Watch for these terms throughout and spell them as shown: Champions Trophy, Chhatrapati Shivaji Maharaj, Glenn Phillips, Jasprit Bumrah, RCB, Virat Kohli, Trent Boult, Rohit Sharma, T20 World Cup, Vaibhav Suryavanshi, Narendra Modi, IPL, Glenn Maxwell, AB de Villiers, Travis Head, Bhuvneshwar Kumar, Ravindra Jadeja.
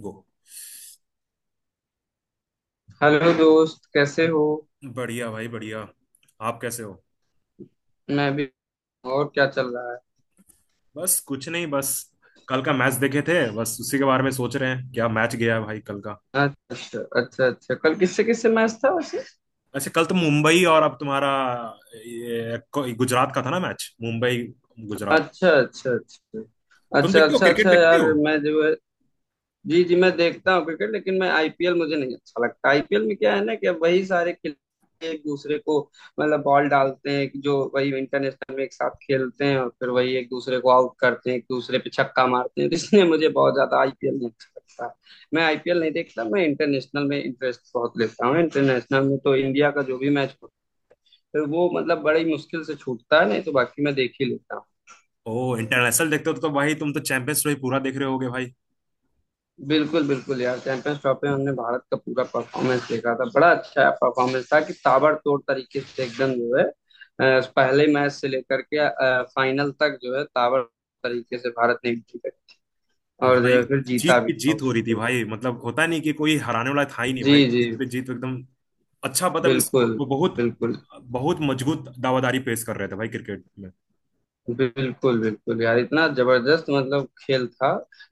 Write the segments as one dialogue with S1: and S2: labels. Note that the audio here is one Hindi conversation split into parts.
S1: गो।
S2: हेलो दोस्त, कैसे हो?
S1: बढ़िया भाई, बढ़िया। आप कैसे हो?
S2: मैं भी। और क्या चल रहा है?
S1: बस कुछ नहीं, बस कल का मैच देखे थे, बस उसी के बारे में सोच रहे हैं। क्या मैच गया है भाई कल का।
S2: अच्छा, अच्छा, अच्छा। कल किससे किससे मैच था वैसे?
S1: अच्छा, कल तो मुंबई और अब तुम्हारा, ये गुजरात का था ना मैच, मुंबई गुजरात।
S2: अच्छा, अच्छा, अच्छा।
S1: तुम
S2: अच्छा,
S1: देखते हो,
S2: अच्छा,
S1: क्रिकेट
S2: अच्छा।
S1: देखते
S2: यार,
S1: हो?
S2: मैं जो है जी, जी, मैं देखता हूँ क्रिकेट, लेकिन मैं आईपीएल मुझे नहीं अच्छा लगता। आईपीएल में क्या है ना कि अब वही सारे खिलाड़ी एक दूसरे को मतलब बॉल डालते हैं कि जो वही इंटरनेशनल में एक साथ खेलते हैं, और फिर वही एक दूसरे को आउट करते हैं, एक दूसरे पे छक्का मारते हैं। तो इसलिए मुझे बहुत ज्यादा आईपीएल नहीं अच्छा लगता। मैं आईपीएल नहीं देखता, मैं इंटरनेशनल में इंटरेस्ट बहुत लेता हूँ। इंटरनेशनल में तो इंडिया का जो भी मैच हो, फिर वो मतलब बड़ी मुश्किल से छूटता है, नहीं तो बाकी मैं देख ही लेता हूँ।
S1: ओ। इंटरनेशनल देखते हो तो भाई तुम तो चैंपियंस ट्रॉफी पूरा देख रहे होगे भाई।
S2: बिल्कुल, बिल्कुल यार, चैंपियंस ट्रॉफी में हमने भारत का पूरा परफॉर्मेंस देखा था। बड़ा अच्छा परफॉर्मेंस था कि ताबड़तोड़ तरीके से एकदम जो है पहले मैच से लेकर के फाइनल तक जो है ताबड़ तरीके से भारत ने एंट्री करी, और जो
S1: भाई,
S2: है फिर जीता
S1: जीत
S2: भी
S1: पे
S2: था
S1: जीत हो रही थी
S2: उसको।
S1: भाई, मतलब होता नहीं कि कोई हराने वाला था ही नहीं भाई,
S2: जी जी।
S1: जीत पे जीत एकदम। अच्छा मतलब, इस
S2: बिल्कुल।
S1: वो बहुत
S2: बिल्कुल।
S1: बहुत मजबूत दावादारी पेश कर रहे थे भाई क्रिकेट में।
S2: बिल्कुल, बिल्कुल यार, इतना जबरदस्त मतलब खेल था।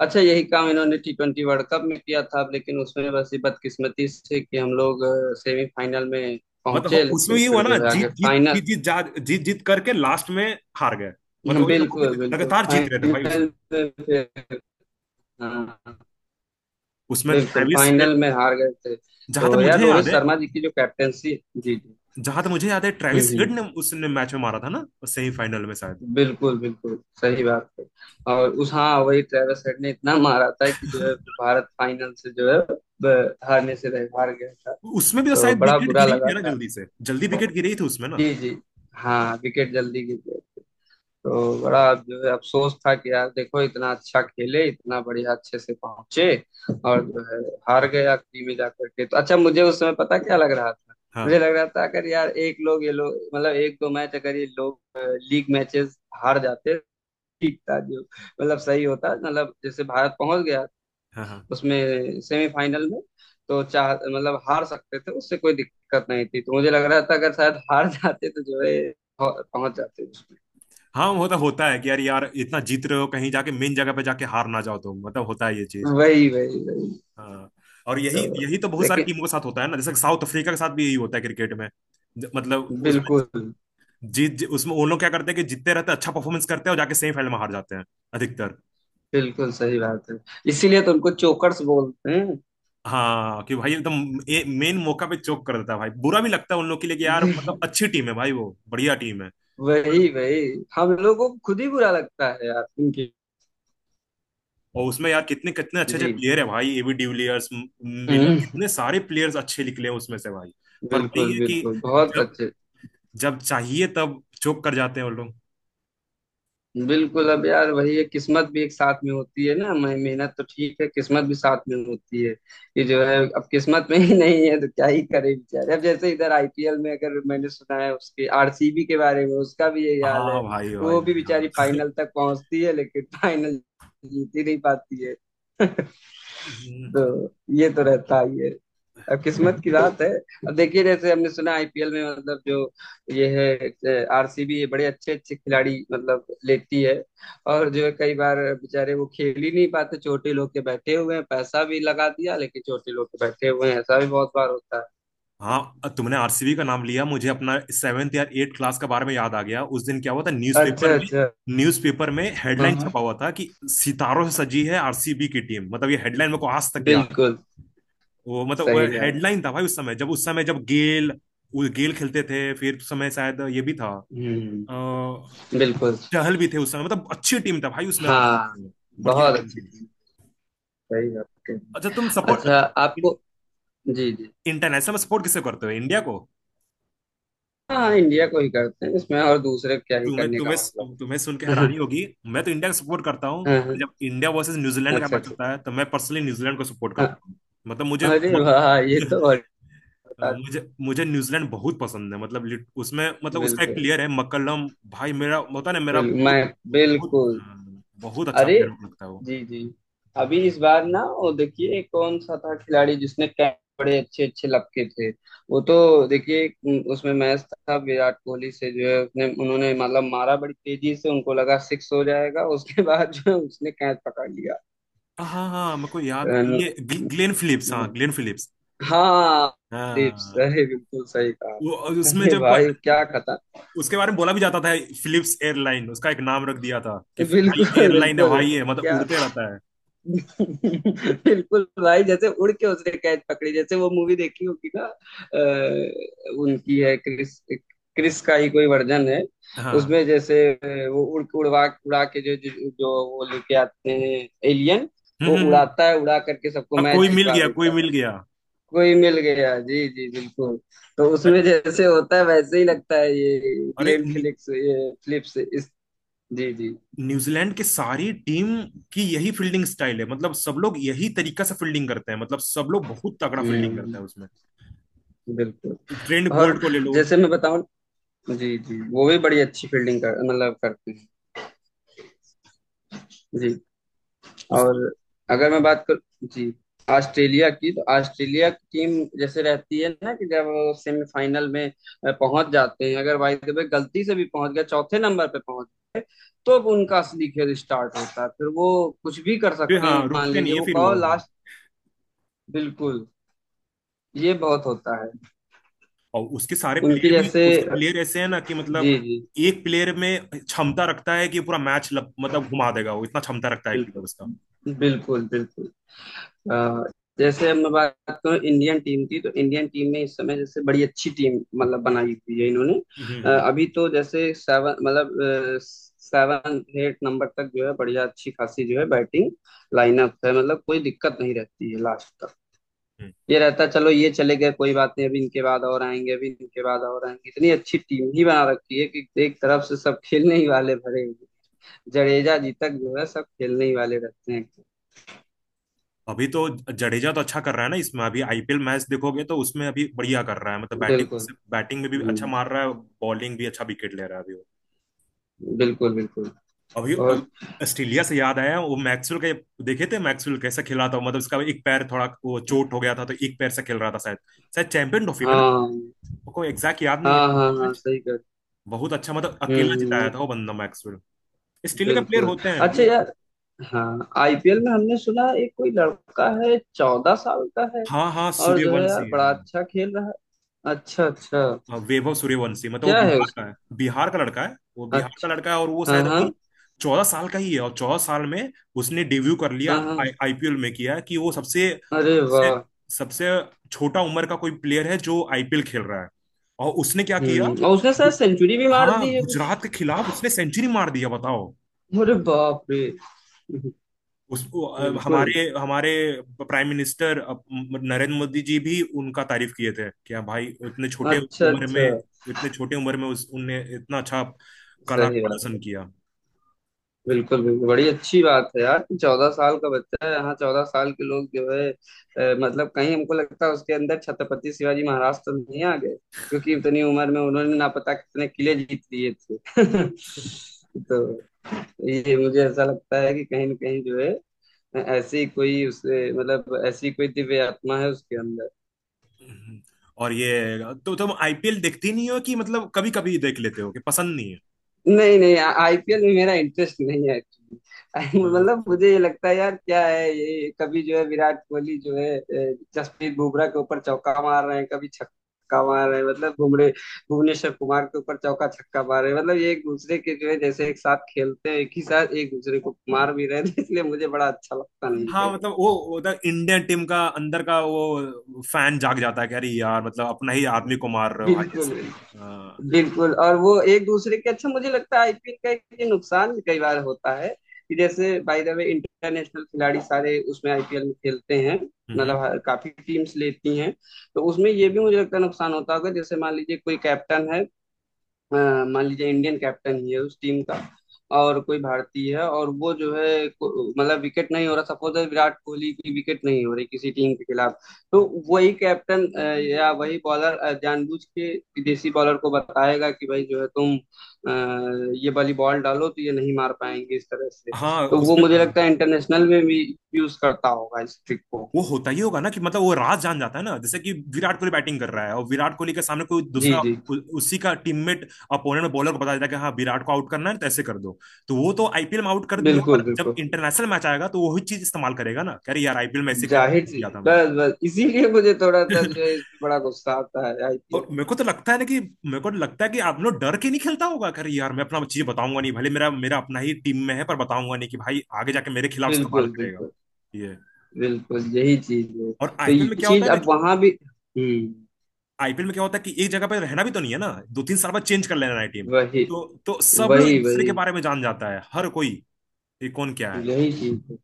S2: अच्छा, यही काम इन्होंने T20 वर्ल्ड कप में किया था, लेकिन उसमें बस ये बदकिस्मती से कि हम लोग सेमीफाइनल में
S1: मतलब
S2: पहुंचे,
S1: उसमें
S2: लेकिन
S1: ये
S2: फिर
S1: हुआ ना,
S2: जो है
S1: जीत
S2: आगे
S1: जीत
S2: फाइनल।
S1: जीत जीत जा जीत जीत करके लास्ट में हार गए। मतलब
S2: हाँ,
S1: वही ना, वो भी
S2: बिल्कुल, बिल्कुल।
S1: लगातार जीत रहे थे भाई
S2: फाइनल
S1: उसमें
S2: में फिर हाँ,
S1: उसमें
S2: बिल्कुल
S1: ट्रेविस।
S2: फाइनल में हार गए थे।
S1: जहां तक
S2: तो यार,
S1: मुझे
S2: रोहित
S1: याद है
S2: शर्मा जी की जो कैप्टेंसी जी जी
S1: जहां तक मुझे याद है,
S2: हम्म,
S1: ट्रेविस हेड
S2: हम्म।
S1: ने उसने मैच में मारा था ना, सेमीफाइनल में शायद।
S2: बिल्कुल, बिल्कुल सही बात है। और उस हाँ, वही ट्रेविस हेड ने इतना मारा था कि जो है फिर भारत फाइनल से जो है हारने से रह हार गया था।
S1: उसमें भी तो
S2: तो
S1: शायद
S2: बड़ा
S1: विकेट
S2: बुरा
S1: गिरी
S2: लगा
S1: थी ना,
S2: था।
S1: जल्दी से जल्दी विकेट गिरी थी उसमें ना।
S2: जी जी। हाँ, विकेट जल्दी गिर गए। तो बड़ा जो है अफसोस था कि यार देखो, इतना अच्छा खेले, इतना बढ़िया अच्छे से पहुंचे, और जो है हार गए आखिरी में जाकर के। तो अच्छा, मुझे उस समय पता क्या लग रहा था, मुझे
S1: हाँ
S2: लग रहा था अगर यार एक लोग ये लोग मतलब एक दो मैच अगर ये लोग लीग मैचेस हार जाते, ठीक था। जो मतलब सही होता, मतलब जैसे भारत पहुंच गया
S1: हाँ हाँ
S2: उसमें सेमीफाइनल में, तो चाह मतलब हार सकते थे, उससे कोई दिक्कत नहीं थी। तो मुझे लग रहा था अगर शायद हार जाते तो जो है पहुंच जाते उसमें।
S1: हाँ, वो तो होता है कि यार यार, इतना जीत रहे हो, कहीं जाके मेन जगह पे जाके हार ना जाओ तुम, मतलब होता है ये चीज।
S2: वही, वही, वही।
S1: हाँ, और
S2: तो
S1: यही यही तो बहुत सारी
S2: लेकिन
S1: टीमों के साथ होता है ना, जैसे साउथ अफ्रीका के साथ भी यही होता है क्रिकेट में। मतलब उसमें,
S2: बिल्कुल,
S1: उसमें वो लोग क्या करते हैं कि जीतते रहते हैं, अच्छा परफॉर्मेंस करते हैं और जाके सेमीफाइनल में हार जाते हैं अधिकतर।
S2: बिल्कुल सही बात है। इसीलिए तो उनको चोकर्स बोलते हैं।
S1: हाँ, कि भाई एकदम मेन मौका पे चोक कर देता है भाई। बुरा भी लगता है उन लोग के लिए कि यार, मतलब अच्छी टीम है भाई, वो बढ़िया टीम है।
S2: वही, वही, वही, हम लोगों को खुद ही बुरा लगता है यार इनकी।
S1: और उसमें यार, कितने कितने अच्छे अच्छे
S2: जी।
S1: प्लेयर है भाई, एबी डिविलियर्स, मिलर,
S2: हम्म,
S1: कितने सारे प्लेयर्स अच्छे निकले हैं उसमें से भाई। पर वही
S2: बिल्कुल,
S1: है कि
S2: बिल्कुल बहुत
S1: जब
S2: अच्छे।
S1: जब चाहिए तब चोक कर जाते हैं वो लोग।
S2: बिल्कुल। अब यार वही है, किस्मत भी एक साथ में होती है ना। मैं मेहनत तो ठीक है, किस्मत भी साथ में होती है। ये जो है अब किस्मत में ही नहीं है तो क्या ही करे बेचारे। अब जैसे इधर आईपीएल में अगर मैंने सुना है उसके आरसीबी के बारे में, उसका भी यही हाल है।
S1: हाँ भाई भाई
S2: वो भी
S1: भाई,
S2: बेचारी
S1: हाँ,
S2: फाइनल तक पहुंचती है, लेकिन फाइनल जीत ही नहीं पाती है।
S1: हम्म,
S2: तो ये तो रहता ही है। अब किस्मत की बात है। अब देखिए, जैसे हमने सुना आईपीएल में मतलब जो ये है आरसीबी, ये बड़े अच्छे अच्छे खिलाड़ी मतलब लेती है, और जो है कई बार बेचारे वो खेल ही नहीं पाते। छोटे लोग के बैठे हुए हैं, पैसा भी लगा दिया, लेकिन छोटे लोग के बैठे हुए हैं, ऐसा भी बहुत बार होता
S1: हाँ। तुमने आरसीबी का नाम लिया, मुझे अपना सेवेंथ या एट क्लास के बारे में याद आ गया। उस दिन क्या हुआ था
S2: है।
S1: न्यूज़पेपर
S2: अच्छा,
S1: में।
S2: अच्छा।
S1: न्यूज़पेपर में
S2: हाँ,
S1: हेडलाइन
S2: हाँ,
S1: छपा हुआ था कि सितारों से सजी है आरसीबी की टीम, मतलब ये हेडलाइन मेरे को आज तक याद।
S2: बिल्कुल
S1: वो मतलब वो
S2: सही बात।
S1: हेडलाइन था भाई उस समय जब गेल, वो गेल खेलते थे। फिर उस समय शायद ये भी था, अ,
S2: हम्म। बिल्कुल।
S1: चहल भी थे उस समय। मतलब अच्छी टीम था भाई उसमें,
S2: हाँ,
S1: आरसीबी में। बढ़िया
S2: बहुत
S1: टीम
S2: अच्छी
S1: थी।
S2: थी। सही बात
S1: अच्छा,
S2: कही।
S1: तुम
S2: अच्छा,
S1: सपोर्ट
S2: आपको जी जी
S1: इंटरनेशनल सपोर्ट किसे करते हो? इंडिया को?
S2: हाँ, इंडिया को ही करते हैं इसमें और दूसरे क्या ही
S1: तुम्हें
S2: करने
S1: तुम्हें
S2: का मतलब
S1: तुम्हें सुन के
S2: है।
S1: हैरानी होगी। मैं तो इंडिया को सपोर्ट करता हूँ।
S2: हाँ, हाँ,
S1: जब इंडिया वर्सेस न्यूजीलैंड का
S2: अच्छा,
S1: मैच
S2: अच्छा।
S1: होता है, तो मैं पर्सनली न्यूजीलैंड को सपोर्ट
S2: हाँ।
S1: करता हूँ। मतलब मुझे,
S2: अरे वाह, ये तो और बता।
S1: मुझे मुझे न्यूजीलैंड बहुत पसंद है। मतलब उसमें, मतलब उसका एक
S2: बिल्कुल,
S1: प्लेयर है मक्कलम, भाई मेरा होता है ना, मेरा
S2: बिल्कुल
S1: बहुत
S2: मैं
S1: बहुत
S2: बिल्कुल।
S1: बहुत अच्छा
S2: अरे,
S1: प्लेयर लगता है वो।
S2: जी जी। अभी इस बार ना वो देखिए कौन सा था खिलाड़ी जिसने कैच बड़े अच्छे अच्छे लपके थे, वो तो देखिए उसमें मैच था विराट कोहली से, जो है उसने उन्होंने मतलब मारा बड़ी तेजी से, उनको लगा सिक्स हो जाएगा, उसके बाद जो है उसने कैच पकड़ लिया।
S1: हाँ हाँ हाँ, मेरे को याद,
S2: रन
S1: ये ग्लेन फिलिप्स। हाँ, ग्लेन फिलिप्स।
S2: हाँ। स्लीप्स,
S1: हाँ,
S2: अरे बिल्कुल सही कहा।
S1: वो और उसमें
S2: अरे
S1: जब
S2: भाई क्या खता।
S1: उसके बारे में बोला भी जाता था। फिलिप्स एयरलाइन उसका एक नाम रख दिया था कि भाई
S2: बिल्कुल,
S1: एयरलाइन है
S2: बिल्कुल।
S1: भाई, है मतलब
S2: क्या
S1: उड़ते रहता है।
S2: बिल्कुल भाई, जैसे उड़ के उसने कैच पकड़ी, जैसे वो मूवी देखी होगी ना उनकी है क्रिस, क्रिस का ही कोई वर्जन है,
S1: हाँ,
S2: उसमें जैसे वो उड़ के उड़वा उड़ा के जो जो जो वो लेके आते हैं एलियन,
S1: हम्म
S2: वो
S1: हम्म हम्म।
S2: उड़ाता है, उड़ा करके सबको
S1: अब कोई
S2: मैच
S1: मिल
S2: जितवा
S1: गया, कोई
S2: देता है।
S1: मिल गया।
S2: कोई मिल गया जी जी बिल्कुल। तो उसमें जैसे होता है वैसे ही लगता है ये
S1: अरे,
S2: ग्लेन फिलिप्स, ये फिलिप्स इस जी जी।
S1: न्यूजीलैंड की सारी टीम की यही फील्डिंग स्टाइल है, मतलब सब लोग यही तरीका से फील्डिंग करते हैं, मतलब सब लोग बहुत तगड़ा फील्डिंग करते
S2: हम्म,
S1: हैं उसमें।
S2: बिल्कुल।
S1: ट्रेंट
S2: और
S1: बोल्ट को ले लो
S2: जैसे मैं बताऊं, जी जी, वो भी बड़ी अच्छी फील्डिंग कर मतलब करते हैं। जी।
S1: उसको।
S2: और अगर मैं बात कर जी ऑस्ट्रेलिया की, तो ऑस्ट्रेलिया की टीम जैसे रहती है ना कि जब वो सेमीफाइनल में पहुंच जाते हैं, अगर बाय द वे गलती से भी पहुंच गए चौथे नंबर पे पहुंच गए, तो अब उनका असली खेल स्टार्ट होता है, फिर वो कुछ भी कर
S1: फिर
S2: सकते हैं।
S1: हाँ,
S2: मान
S1: रुकते नहीं
S2: लीजिए
S1: है
S2: वो
S1: फिर
S2: कहो
S1: वो, हाँ।
S2: लास्ट। बिल्कुल। ये बहुत होता है।
S1: और
S2: उनकी जैसे
S1: उसके प्लेयर ऐसे हैं ना कि मतलब,
S2: जी जी,
S1: एक प्लेयर में क्षमता रखता है कि पूरा मैच मतलब घुमा देगा, वो इतना क्षमता रखता है
S2: बिल्कुल,
S1: प्लेयर उसका।
S2: बिल्कुल, बिल्कुल। अ, जैसे अब मैं बात करूँ इंडियन टीम की, तो इंडियन टीम में इस समय जैसे बड़ी अच्छी टीम मतलब बनाई हुई है इन्होंने।
S1: हम्म हम्म,
S2: अभी तो जैसे सेवन मतलब सेवन एट नंबर तक जो है बढ़िया अच्छी खासी जो है बैटिंग लाइनअप है, मतलब कोई दिक्कत नहीं रहती है लास्ट तक।
S1: हम्म।
S2: ये रहता है, चलो ये चले गए कोई बात नहीं, अभी इनके बाद और आएंगे, अभी इनके बाद और आएंगे। इतनी अच्छी टीम ही बना रखी है कि एक तरफ से सब खेलने ही वाले भरे हुए हैं। जडेजा जी तक जो है सब खेलने ही वाले रहते हैं।
S1: अभी तो जडेजा तो अच्छा कर रहा है ना इसमें। अभी आईपीएल मैच देखोगे तो उसमें अभी बढ़िया कर रहा है, मतलब
S2: बिल्कुल।
S1: बैटिंग बैटिंग में भी अच्छा
S2: हम्म,
S1: मार रहा है, बॉलिंग भी अच्छा विकेट ले रहा है अभी
S2: बिल्कुल, बिल्कुल।
S1: अभी।
S2: और
S1: ऑस्ट्रेलिया से याद आया, वो मैक्सवेल का देखे थे मैक्सवेल कैसा खेल रहा था, मतलब इसका एक पैर थोड़ा वो चोट हो गया था, तो एक पैर से खेल रहा था शायद। शायद चैंपियन ट्रॉफी में ना,
S2: हाँ,
S1: को एग्जैक्ट याद नहीं है।
S2: हाँ, हाँ, हाँ, सही कर।
S1: बहुत अच्छा, मतलब अकेला
S2: हम्म,
S1: जिताया था वो बंदा मैक्सवेल। ऑस्ट्रेलिया का प्लेयर
S2: बिल्कुल।
S1: होते हैं
S2: अच्छा
S1: मतलब।
S2: यार, हाँ, आईपीएल में हमने सुना एक कोई लड़का है 14 साल का है,
S1: हाँ हाँ,
S2: और जो है यार
S1: सूर्यवंशी, हाँ
S2: बड़ा
S1: हाँ।
S2: अच्छा खेल रहा है। अच्छा, अच्छा।
S1: हाँ, वैभव सूर्यवंशी, मतलब वो
S2: क्या है
S1: बिहार
S2: उस
S1: का है, बिहार का
S2: अच्छा।
S1: लड़का है। और वो
S2: हाँ,
S1: शायद अभी
S2: हाँ,
S1: 14 साल का ही है, और 14 साल में उसने डेब्यू कर लिया
S2: हाँ, हाँ।
S1: आईपीएल में। किया कि वो सबसे
S2: अरे
S1: सबसे
S2: वाह।
S1: सबसे छोटा उम्र का कोई प्लेयर है जो आईपीएल खेल रहा है। और उसने क्या किया?
S2: हम्म, और उसने शायद
S1: गु-
S2: सेंचुरी भी मार
S1: हाँ,
S2: दी है कुछ।
S1: गुजरात के खिलाफ उसने सेंचुरी मार दिया, बताओ।
S2: अरे बाप रे,
S1: उस,
S2: बिल्कुल।
S1: हमारे हमारे प्राइम मिनिस्टर नरेंद्र मोदी जी भी उनका तारीफ किए थे। क्या भाई,
S2: अच्छा, अच्छा।
S1: इतने छोटे उम्र में उस उनने इतना अच्छा कला का
S2: सही
S1: प्रदर्शन
S2: बात।
S1: किया।
S2: बिल्कुल, बिल्कुल, बड़ी अच्छी बात है यार कि 14 साल का बच्चा है, यहाँ 14 साल के लोग जो है मतलब कहीं हमको लगता है उसके अंदर छत्रपति शिवाजी महाराज तो नहीं आ गए, क्योंकि इतनी उम्र में उन्होंने ना पता कितने किले जीत लिए थे। तो ये मुझे ऐसा लगता है कि कहीं ना कहीं जो है ऐसी कोई उस मतलब ऐसी कोई दिव्य आत्मा है उसके अंदर।
S1: हम्म। और ये तो तुम आईपीएल देखती नहीं हो कि मतलब कभी कभी देख लेते हो कि पसंद नहीं है?
S2: नहीं, नहीं, आईपीएल में मेरा इंटरेस्ट नहीं है एक्चुअली।
S1: अ,
S2: मतलब मुझे ये लगता है यार क्या है ये कभी जो है विराट कोहली जो है जसप्रीत बुमराह के ऊपर चौका मार रहे हैं, कभी छक्का मार रहे हैं, मतलब बुमरे भुवनेश्वर कुमार के ऊपर चौका छक्का मार रहे हैं। मतलब ये एक दूसरे के जो है, जैसे एक साथ खेलते हैं, एक ही साथ एक दूसरे को मार भी रहे हैं। तो इसलिए मुझे बड़ा अच्छा लगता नहीं
S1: हाँ,
S2: है।
S1: मतलब वो, मतलब इंडियन टीम का अंदर का वो फैन जाग जाता है कि अरे यार, मतलब अपना ही आदमी को मार रहे हो भाई
S2: बिल्कुल,
S1: ऐसे,
S2: बिल्कुल। और वो एक दूसरे के अच्छा, मुझे लगता है आईपीएल का एक ये नुकसान भी कई बार होता है कि जैसे बाय द वे इंटरनेशनल खिलाड़ी सारे उसमें आईपीएल में खेलते हैं,
S1: हम्म,
S2: मतलब काफी टीम्स लेती हैं, तो उसमें ये भी मुझे लगता है नुकसान होता होगा। जैसे मान लीजिए कोई कैप्टन है, अ, मान लीजिए इंडियन कैप्टन ही है उस टीम का, और कोई भारतीय है और वो जो है मतलब विकेट नहीं हो रहा, सपोज है विराट कोहली की विकेट नहीं हो रही किसी टीम के खिलाफ, तो वही कैप्टन या वही बॉलर जानबूझ के विदेशी बॉलर को बताएगा कि भाई जो है तुम ये वाली बॉल डालो तो ये नहीं मार पाएंगे इस तरह से।
S1: हाँ,
S2: तो वो
S1: उसमें
S2: मुझे लगता है
S1: हाँ।
S2: इंटरनेशनल में भी यूज करता होगा इस ट्रिक को।
S1: वो होता ही होगा ना, कि मतलब वो राज जान जाता है ना, जैसे कि विराट कोहली बैटिंग कर रहा है और विराट कोहली के सामने कोई
S2: जी
S1: दूसरा,
S2: जी,
S1: उसी का टीममेट, अपोनेंट बॉलर को बता देता है कि हाँ विराट को आउट करना है तो ऐसे कर दो। तो वो तो आईपीएल में आउट कर दिया, पर
S2: बिल्कुल,
S1: जब
S2: बिल्कुल।
S1: इंटरनेशनल मैच आएगा तो वही चीज इस्तेमाल करेगा ना, कह रहे यार आईपीएल में ऐसे कर
S2: जाहिर सी
S1: दिया था मैं।
S2: बस, बस, इसीलिए मुझे थोड़ा सा जो है इसमें बड़ा गुस्सा आता है
S1: और
S2: आईपीएल।
S1: मेरे को लगता है कि, आप लोग डर के नहीं खेलता होगा, कह रहे यार मैं अपना चीज बताऊंगा नहीं, भले मेरा मेरा अपना ही टीम में है, पर बताऊंगा नहीं कि भाई आगे जाके मेरे खिलाफ इस्तेमाल
S2: बिल्कुल,
S1: करेगा।
S2: बिल्कुल।
S1: ये,
S2: बिल्कुल, यही चीज है।
S1: और
S2: तो ये चीज अब वहां भी हम्म।
S1: आईपीएल में क्या होता है कि, एक जगह पे रहना भी तो नहीं है ना, 2 3 साल बाद चेंज कर लेना है टीम।
S2: वही,
S1: तो सब लोग एक
S2: वही,
S1: दूसरे
S2: वही,
S1: के बारे में जान जाता है हर कोई, ये कौन क्या है।
S2: यही चीज है।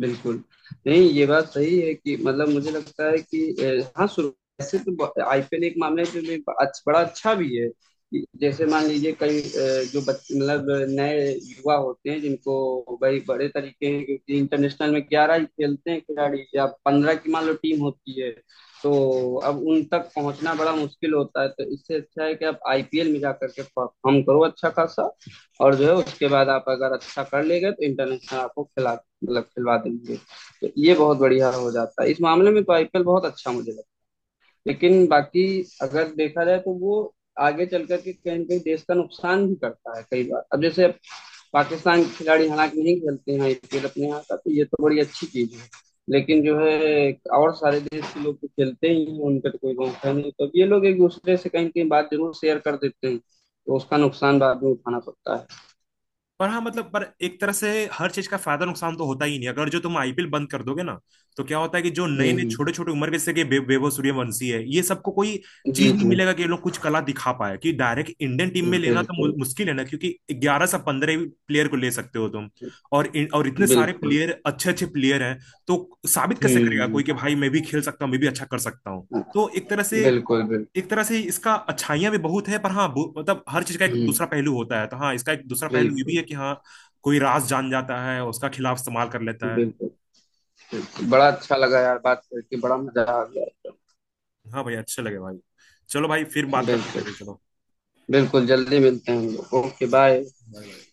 S2: बिल्कुल। नहीं, ये बात सही है कि मतलब मुझे लगता है कि हाँ शुरू ऐसे तो आईपीएल एक मामला है जो भी बड़ा अच्छा भी है कि जैसे मान लीजिए कई जो बच्चे मतलब नए युवा होते हैं, जिनको भाई बड़े तरीके हैं, क्योंकि इंटरनेशनल में 11 ही खेलते हैं खिलाड़ी, या 15 की मान लो टीम होती है। तो अब उन तक पहुंचना बड़ा मुश्किल होता है, तो इससे अच्छा है कि आप आईपीएल में जा करके परफॉर्म करो अच्छा खासा, और जो है उसके बाद आप अगर अच्छा कर लेंगे तो इंटरनेशनल आपको खिला मतलब खिलवा देंगे। तो ये बहुत बढ़िया हो जाता है इस मामले में, तो आईपीएल बहुत अच्छा मुझे लगता है। लेकिन बाकी अगर देखा जाए तो वो आगे चल करके कहीं ना कहीं देश का नुकसान भी करता है कई बार। अब जैसे पाकिस्तान के खिलाड़ी हालांकि नहीं खेलते हैं आईपीएल अपने यहाँ का, तो ये तो बड़ी अच्छी चीज है। लेकिन जो है और सारे देश के लोग तो खेलते ही हैं, उनका तो कोई मौका नहीं, तो अब ये लोग एक दूसरे से कहीं ना कहीं बात जरूर शेयर कर देते हैं, तो उसका नुकसान बाद में उठाना पड़ता है।
S1: पर हाँ मतलब, पर एक तरह से हर चीज का फायदा नुकसान तो होता ही नहीं, अगर जो तुम आईपीएल बंद कर दोगे ना। तो क्या होता है कि जो
S2: हम्म,
S1: नए नए
S2: हम्म।
S1: छोटे छोटे उम्र के, जैसे कि वैभव सूर्यवंशी है, ये सबको कोई चीज
S2: जी,
S1: नहीं
S2: जी।
S1: मिलेगा कि ये लोग कुछ कला दिखा पाए। कि डायरेक्ट इंडियन टीम में लेना तो
S2: बिल्कुल,
S1: मुश्किल है ना, क्योंकि 11 से 15 प्लेयर को ले सकते हो तुम। और इतने सारे
S2: बिल्कुल।
S1: प्लेयर, अच्छे अच्छे प्लेयर हैं। तो साबित कैसे करेगा कोई
S2: हुँ,
S1: कि भाई मैं भी खेल सकता हूँ, मैं भी अच्छा कर सकता हूँ। तो एक तरह से
S2: बिल्कुल, बिल्कुल।
S1: एक तरह से इसका अच्छाइयां भी बहुत है, पर हाँ मतलब हर चीज का एक
S2: हुँ,
S1: दूसरा पहलू होता है, तो हाँ, इसका एक दूसरा पहलू ये भी
S2: बिल्कुल,
S1: है कि हाँ, कोई राज जान जाता है और उसका खिलाफ इस्तेमाल कर लेता है।
S2: बिल्कुल, बिल्कुल। बड़ा अच्छा लगा यार बात करके, बड़ा मज़ा आ गया एकदम।
S1: हाँ भाई, अच्छे लगे भाई। चलो भाई, फिर बात करते हैं
S2: बिल्कुल,
S1: कभी। चलो,
S2: बिल्कुल जल्दी मिलते हैं हम लोग। ओके,
S1: चलो,
S2: बाय।
S1: Bye bye.